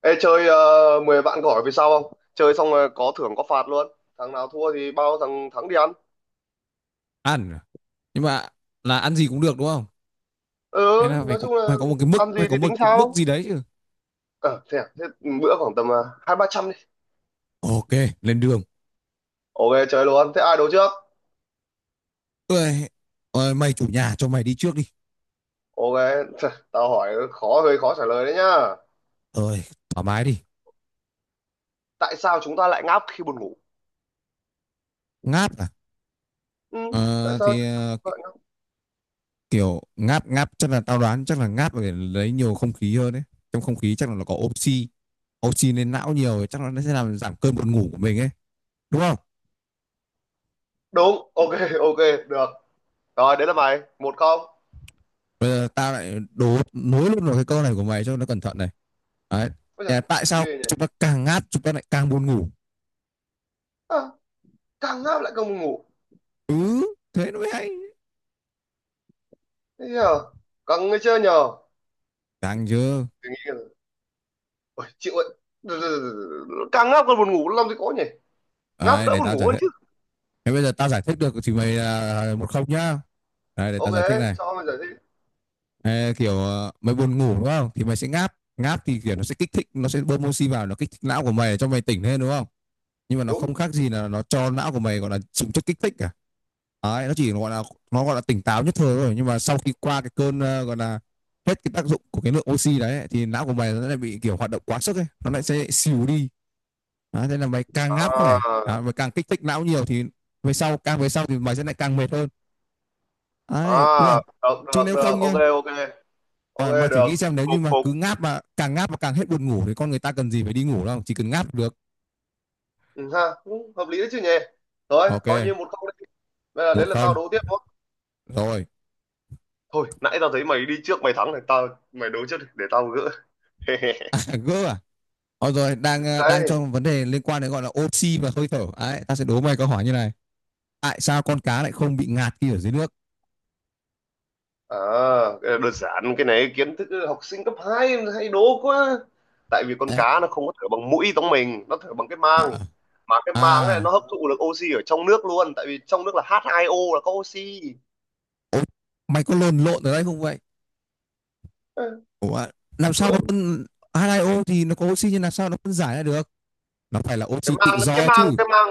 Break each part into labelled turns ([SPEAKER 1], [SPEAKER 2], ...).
[SPEAKER 1] Ê, chơi 10 vạn gỏi về sau không? Chơi xong rồi có thưởng có phạt luôn. Thằng nào thua thì bao thằng thắng đi ăn.
[SPEAKER 2] Ăn à? Nhưng mà là ăn gì cũng được đúng không?
[SPEAKER 1] Ừ,
[SPEAKER 2] Hay là phải
[SPEAKER 1] nói
[SPEAKER 2] có
[SPEAKER 1] chung là
[SPEAKER 2] phải có một cái mức,
[SPEAKER 1] ăn
[SPEAKER 2] phải
[SPEAKER 1] gì
[SPEAKER 2] có
[SPEAKER 1] thì
[SPEAKER 2] một
[SPEAKER 1] tính
[SPEAKER 2] cái mức
[SPEAKER 1] sao?
[SPEAKER 2] gì đấy chứ.
[SPEAKER 1] Ờ, thế, à? Thế bữa khoảng tầm 200 300 đi.
[SPEAKER 2] Ok, lên đường.
[SPEAKER 1] Ok, chơi luôn. Thế ai đấu trước?
[SPEAKER 2] Ơi, ơi mày chủ nhà cho mày đi trước đi.
[SPEAKER 1] Ok, tao hỏi khó, hơi khó trả lời đấy nhá.
[SPEAKER 2] Ơi, thoải mái đi.
[SPEAKER 1] Tại sao chúng ta lại ngáp khi buồn ngủ?
[SPEAKER 2] Ngáp à?
[SPEAKER 1] Ừ, tại
[SPEAKER 2] Ờ,
[SPEAKER 1] sao
[SPEAKER 2] thì ờ,
[SPEAKER 1] chúng ta
[SPEAKER 2] ki-
[SPEAKER 1] lại ngáp?
[SPEAKER 2] Kiểu ngáp ngáp chắc là tao đoán chắc là ngáp là để lấy nhiều không khí hơn đấy. Trong không khí chắc là nó có oxy, oxy lên não nhiều thì chắc là nó sẽ làm giảm cơn buồn ngủ của mình ấy, đúng không?
[SPEAKER 1] Đúng, ok, ok, được. Rồi, đấy là mày. Một không.
[SPEAKER 2] Bây giờ tao lại đố nối luôn vào cái câu này của mày cho nó cẩn thận này. Đấy,
[SPEAKER 1] Ôi giời,
[SPEAKER 2] tại sao
[SPEAKER 1] ghê nhỉ?
[SPEAKER 2] chúng ta càng ngáp chúng ta lại càng buồn ngủ?
[SPEAKER 1] À, càng ngáp lại càng buồn ngủ.
[SPEAKER 2] Ừ, thế nó mới hay.
[SPEAKER 1] Thế nhờ? Càng người chơi nhờ?
[SPEAKER 2] Đang chưa.
[SPEAKER 1] Thì nghĩ. Ôi, chịu ơi, càng ngáp còn buồn ngủ làm gì có nhỉ. Ngáp
[SPEAKER 2] Đấy,
[SPEAKER 1] đỡ
[SPEAKER 2] để
[SPEAKER 1] buồn
[SPEAKER 2] tao
[SPEAKER 1] ngủ
[SPEAKER 2] giải
[SPEAKER 1] hơn
[SPEAKER 2] thích.
[SPEAKER 1] chứ.
[SPEAKER 2] Thế bây giờ tao giải thích được thì mày một không nhá. Đấy, để
[SPEAKER 1] Ok,
[SPEAKER 2] tao giải thích này.
[SPEAKER 1] cho bây giờ đi.
[SPEAKER 2] Ê, kiểu mày buồn ngủ đúng không, thì mày sẽ ngáp, ngáp thì kiểu nó sẽ kích thích, nó sẽ bơm oxy vào, nó kích thích não của mày để cho mày tỉnh lên, đúng không? Nhưng mà nó
[SPEAKER 1] Đúng.
[SPEAKER 2] không khác gì là nó cho não của mày gọi là dùng chất kích thích cả. Đấy, nó chỉ gọi là, nó gọi là tỉnh táo nhất thời thôi, nhưng mà sau khi qua cái cơn gọi là hết cái tác dụng của cái lượng oxy đấy ấy, thì não của mày nó lại bị kiểu hoạt động quá sức ấy, nó lại sẽ xỉu đi. Đó, thế là mày càng ngáp
[SPEAKER 1] À
[SPEAKER 2] khỏe à, mày càng kích thích não nhiều thì về sau, càng về sau thì mày sẽ lại càng mệt hơn,
[SPEAKER 1] à.
[SPEAKER 2] đấy đúng không?
[SPEAKER 1] Được
[SPEAKER 2] Chứ
[SPEAKER 1] được
[SPEAKER 2] nếu
[SPEAKER 1] được,
[SPEAKER 2] không
[SPEAKER 1] ok
[SPEAKER 2] nhá,
[SPEAKER 1] ok. Ok
[SPEAKER 2] Ờ, mày thử
[SPEAKER 1] được.
[SPEAKER 2] nghĩ xem nếu như
[SPEAKER 1] Phục
[SPEAKER 2] mà
[SPEAKER 1] phục.
[SPEAKER 2] cứ ngáp mà càng hết buồn ngủ thì con người ta cần gì phải đi ngủ đâu, chỉ cần ngáp được.
[SPEAKER 1] Ừ, ha. Đúng, hợp lý đấy chứ nhỉ. Rồi coi như
[SPEAKER 2] Ok,
[SPEAKER 1] một câu đấy. Bây giờ
[SPEAKER 2] một
[SPEAKER 1] đến là tao
[SPEAKER 2] không,
[SPEAKER 1] đố tiếp thôi.
[SPEAKER 2] rồi.
[SPEAKER 1] Thôi nãy tao thấy mày đi trước mày thắng này, tao mày đố trước đi, để tao gỡ.
[SPEAKER 2] Gỡ à? Rồi đang đang
[SPEAKER 1] Đấy.
[SPEAKER 2] trong vấn đề liên quan đến gọi là oxy và hơi thở đấy, ta sẽ đố mày câu hỏi như này. Tại sao con cá lại không bị ngạt khi ở dưới nước?
[SPEAKER 1] À, cái này đơn giản, cái này kiến thức học sinh cấp 2 hay đố quá. Tại vì con cá nó không có thở bằng mũi giống mình, nó thở bằng cái
[SPEAKER 2] À,
[SPEAKER 1] mang. Mà cái mang này nó
[SPEAKER 2] à,
[SPEAKER 1] hấp thụ được oxy ở trong nước luôn, tại vì trong nước là H2O là có oxy.
[SPEAKER 2] mày có lồn lộn ở đây không vậy?
[SPEAKER 1] Ê,
[SPEAKER 2] Ủa, làm sao nó
[SPEAKER 1] lộn.
[SPEAKER 2] phân, H2O thì nó có oxy nhưng làm sao nó phân giải ra được? Nó phải là
[SPEAKER 1] Cái
[SPEAKER 2] oxy tự
[SPEAKER 1] mang cái
[SPEAKER 2] do
[SPEAKER 1] mang
[SPEAKER 2] chứ.
[SPEAKER 1] cái mang.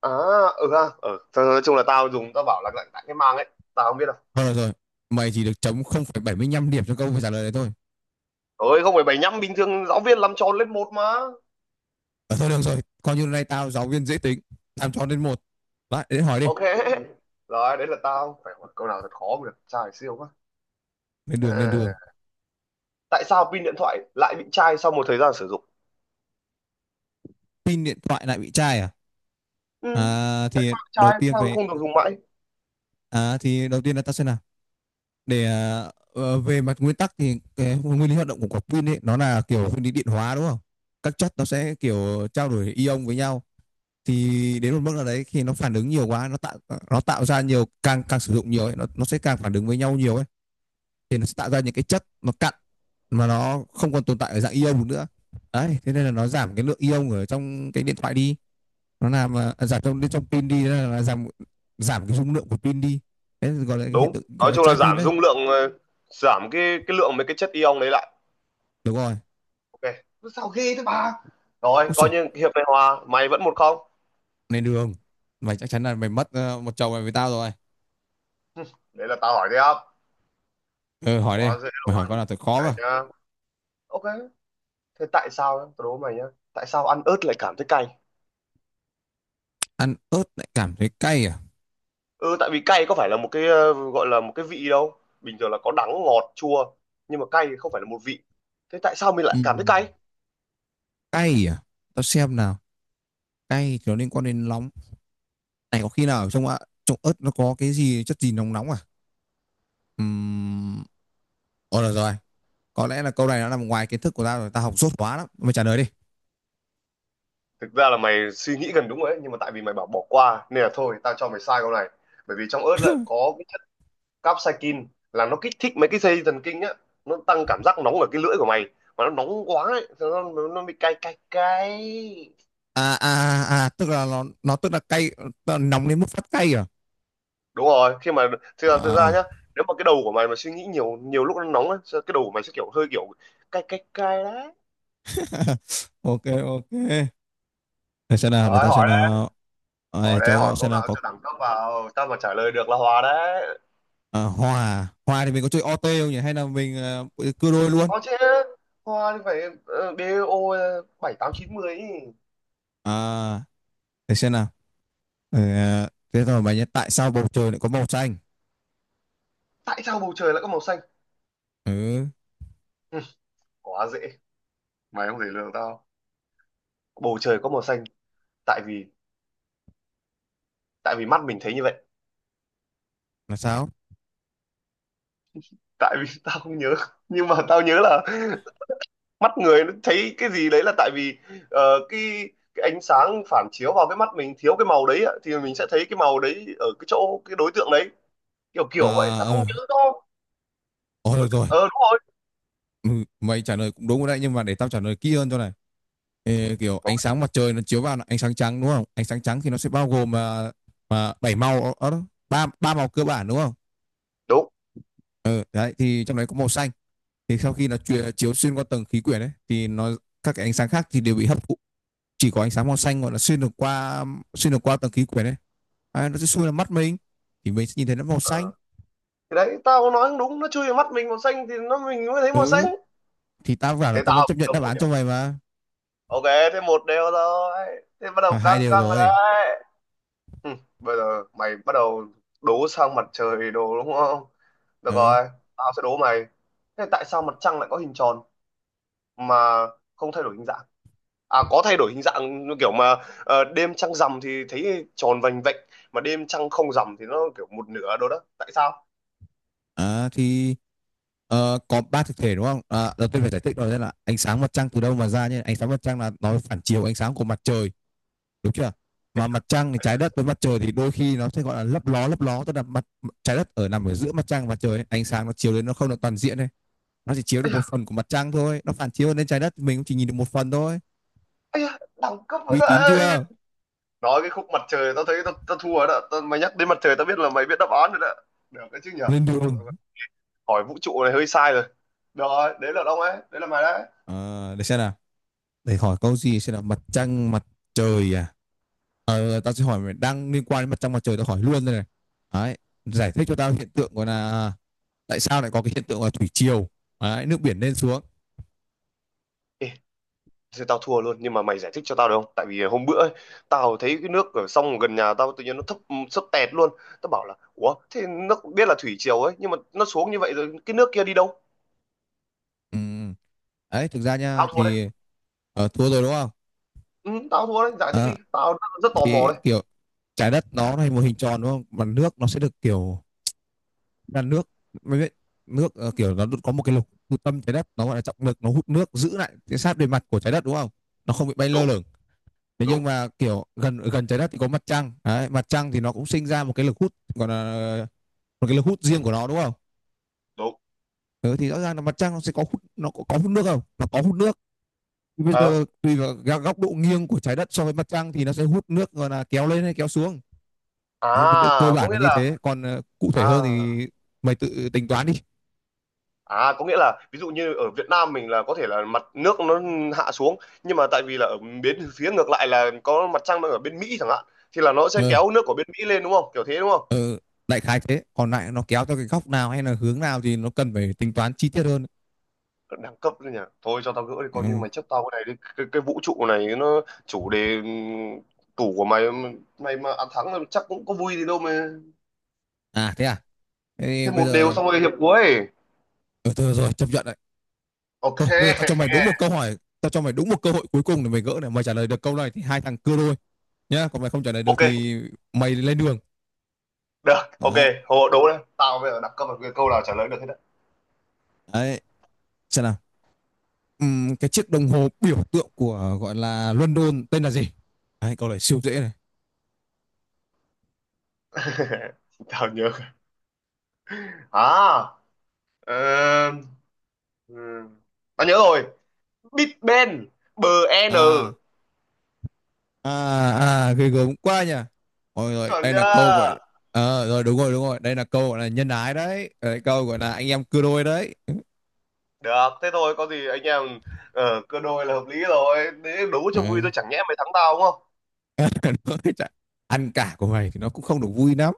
[SPEAKER 1] À ừ ha ừ. Thôi, nói chung là tao dùng, tao bảo là lạnh lạnh cái mang ấy. Tao không biết đâu.
[SPEAKER 2] Thôi được rồi, mày chỉ được chấm 0.75 điểm cho câu phải trả lời đấy thôi.
[SPEAKER 1] Thôi không phải bảy nhăm, bình thường giáo viên làm tròn lên một mà.
[SPEAKER 2] Ờ, thôi được rồi, coi như này tao giáo viên dễ tính, làm cho đến một. Lại, đến hỏi đi.
[SPEAKER 1] Ok. Rồi đấy là tao phải hỏi câu nào thật khó mới được, trai siêu quá.
[SPEAKER 2] Lên đường, lên đường.
[SPEAKER 1] À, tại sao pin điện thoại lại bị chai sau một thời gian sử dụng?
[SPEAKER 2] Pin điện thoại lại bị chai à?
[SPEAKER 1] Ừ.
[SPEAKER 2] À,
[SPEAKER 1] Tại
[SPEAKER 2] thì
[SPEAKER 1] sao
[SPEAKER 2] đầu
[SPEAKER 1] chai,
[SPEAKER 2] tiên
[SPEAKER 1] sao
[SPEAKER 2] phải...
[SPEAKER 1] không được dùng mãi?
[SPEAKER 2] À, thì đầu tiên là tao sẽ làm. Để về mặt nguyên tắc thì cái nguyên lý hoạt động của quả pin ấy, nó là kiểu nguyên lý điện hóa đúng không? Các chất nó sẽ kiểu trao đổi ion với nhau, thì đến một mức nào đấy khi nó phản ứng nhiều quá nó tạo, nó tạo ra nhiều, càng càng sử dụng nhiều ấy, nó sẽ càng phản ứng với nhau nhiều ấy, thì nó sẽ tạo ra những cái chất nó cặn mà nó không còn tồn tại ở dạng ion nữa. Đấy thế nên là nó giảm cái lượng ion ở trong cái điện thoại đi, nó làm giảm trong bên trong pin đi nên là giảm, giảm cái dung lượng của pin đi. Đấy gọi là hiện
[SPEAKER 1] Đúng,
[SPEAKER 2] tượng gọi
[SPEAKER 1] nói
[SPEAKER 2] là
[SPEAKER 1] chung là
[SPEAKER 2] chai pin
[SPEAKER 1] giảm
[SPEAKER 2] đấy.
[SPEAKER 1] dung lượng, giảm cái lượng mấy cái chất ion đấy lại.
[SPEAKER 2] Đúng rồi.
[SPEAKER 1] Ok. Sao ghê thế bà. Rồi
[SPEAKER 2] Ôi trời,
[SPEAKER 1] coi như hiệp này hòa, mày vẫn một không.
[SPEAKER 2] này đường, mày chắc chắn là mày mất một chồng này với tao rồi.
[SPEAKER 1] Đấy là tao hỏi tiếp.
[SPEAKER 2] Ừ, hỏi đi.
[SPEAKER 1] Quá dễ
[SPEAKER 2] Mày hỏi con
[SPEAKER 1] luôn.
[SPEAKER 2] nào thật khó
[SPEAKER 1] Này
[SPEAKER 2] mà.
[SPEAKER 1] nhá. Ok. Thế tại sao nhá, tao đố mày nhá. Tại sao ăn ớt lại cảm thấy cay?
[SPEAKER 2] Ăn ớt lại cảm thấy cay à?
[SPEAKER 1] Ừ, tại vì cay có phải là một cái gọi là một cái vị đâu, bình thường là có đắng ngọt chua, nhưng mà cay thì không phải là một vị. Thế tại sao mình lại cảm thấy
[SPEAKER 2] Ừm,
[SPEAKER 1] cay?
[SPEAKER 2] cay à? Tao xem nào. Cay thì nó liên quan đến nóng, này có khi nào ở trong ạ, trong ớt nó có cái gì chất gì nóng nóng à? Ừm, Ồ được rồi, có lẽ là câu này nó nằm ngoài kiến thức của tao rồi, tao học dốt quá, lắm mày trả lời đi.
[SPEAKER 1] Thực ra là mày suy nghĩ gần đúng rồi đấy, nhưng mà tại vì mày bảo bỏ qua nên là thôi tao cho mày sai câu này. Bởi vì trong ớt lại có cái chất capsaicin, là nó kích thích mấy cái dây thần kinh á, nó tăng cảm giác nóng ở cái lưỡi của mày. Mà nó nóng quá ấy, thế nó bị cay cay cay.
[SPEAKER 2] À à, à à, tức là nó tức là cay, nóng đến mức phát cay à?
[SPEAKER 1] Đúng rồi khi mà thực ra
[SPEAKER 2] À.
[SPEAKER 1] nhá, nếu mà cái đầu của mày mà suy nghĩ nhiều, nhiều lúc nó nóng ấy, cái đầu của mày sẽ kiểu hơi kiểu cay cay cay đấy.
[SPEAKER 2] Ok, ok, để xem nào để
[SPEAKER 1] Rồi
[SPEAKER 2] tao xem
[SPEAKER 1] hỏi đây.
[SPEAKER 2] nào À,
[SPEAKER 1] Hỏi
[SPEAKER 2] để
[SPEAKER 1] đây, hỏi
[SPEAKER 2] cho
[SPEAKER 1] câu
[SPEAKER 2] xem nào,
[SPEAKER 1] nào
[SPEAKER 2] có
[SPEAKER 1] cho đẳng cấp vào, tao mà trả lời được là hòa đấy.
[SPEAKER 2] à, hòa, hòa thì mình có chơi OT không nhỉ hay là mình cưa đôi luôn?
[SPEAKER 1] Có chứ. Hoa thì phải DO bảy tám chín mười ý.
[SPEAKER 2] À, để xem nào. Ừ, à, thế rồi mà nhớ, tại sao bầu trời lại có màu xanh?
[SPEAKER 1] Tại sao bầu trời lại có màu xanh?
[SPEAKER 2] Ừ,
[SPEAKER 1] Ừ, quá dễ, mày không thể lường tao. Bầu trời có màu xanh tại vì tại vì mắt mình thấy như vậy.
[SPEAKER 2] là sao?
[SPEAKER 1] Tại vì tao không nhớ, nhưng mà tao nhớ là mắt người nó thấy cái gì đấy là tại vì, ờ, cái cái ánh sáng phản chiếu vào cái mắt mình thiếu cái màu đấy ạ, thì mình sẽ thấy cái màu đấy ở cái chỗ cái đối tượng đấy. Kiểu
[SPEAKER 2] À,
[SPEAKER 1] kiểu vậy, tao không
[SPEAKER 2] ờ,
[SPEAKER 1] nhớ đâu.
[SPEAKER 2] ờ, được
[SPEAKER 1] Với
[SPEAKER 2] rồi.
[SPEAKER 1] đúng rồi.
[SPEAKER 2] Ừ, mày trả lời cũng đúng rồi đấy, nhưng mà để tao trả lời kỹ hơn cho này. Ê, kiểu
[SPEAKER 1] Đúng,
[SPEAKER 2] ánh sáng mặt trời nó chiếu vào là ánh sáng trắng đúng không? Ánh sáng trắng thì nó sẽ bao gồm mà 7 màu, đó, ba ba màu cơ bản đúng không? Ừ, đấy thì trong đấy có màu xanh. Thì sau khi nó chiếu xuyên qua tầng khí quyển ấy thì nó, các cái ánh sáng khác thì đều bị hấp thụ. Chỉ có ánh sáng màu xanh gọi là xuyên được qua, xuyên được qua tầng khí quyển ấy. À, nó sẽ xuyên vào mắt mình thì mình sẽ nhìn thấy nó màu xanh.
[SPEAKER 1] đúng. Thì đấy tao có nói đúng, nó chui vào mắt mình màu xanh thì nó mình mới thấy màu xanh.
[SPEAKER 2] Ừ, thì tao bảo là
[SPEAKER 1] Thế
[SPEAKER 2] tao vẫn
[SPEAKER 1] tao
[SPEAKER 2] chấp
[SPEAKER 1] cũng
[SPEAKER 2] nhận
[SPEAKER 1] được
[SPEAKER 2] đáp
[SPEAKER 1] một
[SPEAKER 2] án
[SPEAKER 1] điểm.
[SPEAKER 2] cho mày mà.
[SPEAKER 1] Ok. Thế một đều rồi. Thế bắt đầu
[SPEAKER 2] À, hai
[SPEAKER 1] căng
[SPEAKER 2] đều
[SPEAKER 1] căng rồi
[SPEAKER 2] rồi.
[SPEAKER 1] đấy. Hừ, bây giờ mày bắt đầu đố sang mặt trời đồ đúng không. Được
[SPEAKER 2] Ờ.
[SPEAKER 1] rồi, tao sẽ đố mày. Thế tại sao mặt trăng lại có hình tròn mà không thay đổi hình dạng? À có thay đổi hình dạng như kiểu mà đêm trăng rằm thì thấy tròn vành vạnh, mà đêm trăng không rằm thì nó kiểu một nửa đồ đó, tại sao?
[SPEAKER 2] À, thì có ba thực thể đúng không, à, đầu tiên phải giải thích rồi đấy là ánh sáng mặt trăng từ đâu mà ra nhé, ánh sáng mặt trăng là nó phản chiếu ánh sáng của mặt trời, đúng chưa? Mà mặt trăng thì trái đất với mặt trời thì đôi khi nó sẽ gọi là lấp ló tức là mặt, trái đất ở nằm ở giữa mặt trăng và trời, ánh sáng nó chiếu đến nó không được toàn diện này, nó chỉ chiếu được một phần của mặt trăng thôi, nó phản chiếu lên trái đất mình cũng chỉ nhìn được một phần thôi.
[SPEAKER 1] Ây da, đẳng cấp vậy
[SPEAKER 2] Uy
[SPEAKER 1] ta.
[SPEAKER 2] tín chưa?
[SPEAKER 1] Nói cái khúc mặt trời tao thấy tao thua rồi đó tao, mày nhắc đến mặt trời tao biết là mày biết đáp án rồi đó. Được cái chứ nhở.
[SPEAKER 2] Lên đường.
[SPEAKER 1] Hỏi vũ trụ này hơi sai rồi. Được rồi đấy là ông ấy, đấy là mày đấy.
[SPEAKER 2] À, để xem nào, để hỏi câu gì xem là mặt trăng, mặt trời à. Ờ, tao sẽ hỏi mày đang liên quan đến mặt trăng mặt trời, tao hỏi luôn đây này. Đấy, giải thích cho tao hiện tượng gọi là tại sao lại có cái hiện tượng là thủy triều. Đấy, nước biển lên xuống.
[SPEAKER 1] Ê, thế tao thua luôn, nhưng mà mày giải thích cho tao được không, tại vì hôm bữa ấy, tao thấy cái nước ở sông gần nhà tao tự nhiên nó thấp sấp tẹt luôn. Tao bảo là ủa, thế nó biết là thủy triều ấy, nhưng mà nó xuống như vậy rồi cái nước kia đi đâu?
[SPEAKER 2] Ừ. Đấy, thực ra
[SPEAKER 1] Tao
[SPEAKER 2] nha
[SPEAKER 1] thua đấy.
[SPEAKER 2] thì thua rồi đúng không?
[SPEAKER 1] Ừ, tao thua đấy, giải thích
[SPEAKER 2] Ờ,
[SPEAKER 1] đi, tao rất, rất tò mò
[SPEAKER 2] thì
[SPEAKER 1] đấy.
[SPEAKER 2] kiểu trái đất nó là một hình tròn đúng không? Mà nước nó sẽ được kiểu là nước, mày biết, nước kiểu nó có một cái lục trung tâm trái đất nó gọi là trọng lực, nó hút nước giữ lại cái sát bề mặt của trái đất đúng không? Nó không bị bay lơ
[SPEAKER 1] Đúng
[SPEAKER 2] lửng. Thế nhưng
[SPEAKER 1] đúng
[SPEAKER 2] mà kiểu gần gần trái đất thì có mặt trăng đấy, mặt trăng thì nó cũng sinh ra một cái lực hút, còn là một cái lực hút riêng của nó đúng không?
[SPEAKER 1] đúng.
[SPEAKER 2] Ừ, thì rõ ràng là mặt trăng nó sẽ có hút, nó có hút nước không, nó có hút nước. Bây
[SPEAKER 1] Ờ.
[SPEAKER 2] giờ tùy vào góc độ nghiêng của trái đất so với mặt trăng thì nó sẽ hút nước rồi là kéo lên hay kéo xuống.
[SPEAKER 1] À,
[SPEAKER 2] Đấy vì cơ
[SPEAKER 1] có
[SPEAKER 2] bản
[SPEAKER 1] nghĩa
[SPEAKER 2] là như
[SPEAKER 1] là
[SPEAKER 2] thế, còn cụ
[SPEAKER 1] à.
[SPEAKER 2] thể hơn thì mày tự tính toán đi.
[SPEAKER 1] À, có nghĩa là ví dụ như ở Việt Nam mình là có thể là mặt nước nó hạ xuống, nhưng mà tại vì là ở bên phía ngược lại là có mặt trăng đang ở bên Mỹ chẳng hạn, thì là nó sẽ
[SPEAKER 2] ừ,
[SPEAKER 1] kéo nước của bên Mỹ lên đúng không? Kiểu thế đúng không?
[SPEAKER 2] ừ, Đại khái thế, còn lại nó kéo theo cái góc nào hay là hướng nào thì nó cần phải tính toán chi tiết hơn.
[SPEAKER 1] Đẳng cấp đấy nhỉ. Thôi cho tao gỡ đi, coi như
[SPEAKER 2] Ừ.
[SPEAKER 1] mày chấp tao cái này đi. Cái vũ trụ này nó chủ đề, tủ của mày, mày mà ăn thắng là chắc cũng có vui gì đâu mà.
[SPEAKER 2] À thế à, thế thì
[SPEAKER 1] Thêm
[SPEAKER 2] bây
[SPEAKER 1] một đều
[SPEAKER 2] giờ,
[SPEAKER 1] xong rồi hiệp cuối.
[SPEAKER 2] ừ, thôi rồi, chấp nhận đấy.
[SPEAKER 1] Ok.
[SPEAKER 2] Thôi, bây giờ tao cho mày đúng một câu hỏi, tao cho mày đúng một cơ hội cuối cùng để mày gỡ này. Mày trả lời được câu này thì hai thằng cưa đôi nhá, còn mày không trả lời được
[SPEAKER 1] Ok.
[SPEAKER 2] thì mày lên đường.
[SPEAKER 1] Được. Ok.
[SPEAKER 2] Đấy,
[SPEAKER 1] Hồ đố đây. Tao bây giờ đẳng cấp là cái câu nào trả lời được hết đấy.
[SPEAKER 2] đấy, xem nào. Cái chiếc đồng hồ biểu tượng của gọi là London tên là gì? Đấy, câu này siêu dễ này.
[SPEAKER 1] Tao nhớ. À Ờ, ừm, Tao nhớ rồi. Big Ben, BN.
[SPEAKER 2] À, à, à, ghê gớm quá nhỉ. Rồi rồi,
[SPEAKER 1] Chuẩn
[SPEAKER 2] đây là câu gọi,
[SPEAKER 1] chưa?
[SPEAKER 2] ờ, rồi đúng rồi đúng rồi đây là câu gọi là nhân ái đấy, ờ, câu gọi là anh em cưa đôi đấy.
[SPEAKER 1] Được, thế thôi có gì anh em cơ đôi là hợp lý rồi. Để đấu cho vui
[SPEAKER 2] Ừ.
[SPEAKER 1] thôi chẳng nhẽ mày thắng tao đúng không?
[SPEAKER 2] Ăn cả của mày thì nó cũng không được vui lắm.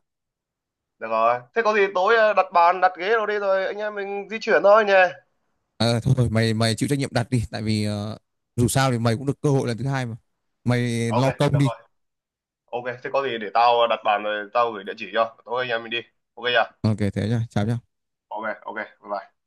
[SPEAKER 1] Được rồi. Thế có gì tối đặt bàn, đặt ghế rồi đi rồi anh em mình di chuyển thôi nhé.
[SPEAKER 2] À, thôi mày mày chịu trách nhiệm đặt đi, tại vì dù sao thì mày cũng được cơ hội lần thứ 2 mà, mày
[SPEAKER 1] Ok,
[SPEAKER 2] lo công
[SPEAKER 1] được
[SPEAKER 2] đi.
[SPEAKER 1] rồi. Ok, thế có gì để tao đặt bàn rồi tao gửi địa chỉ cho. Tối anh em mình đi. Ok chưa?
[SPEAKER 2] Ok thế nhá, chào nhá.
[SPEAKER 1] Ok, ok. Bye bye.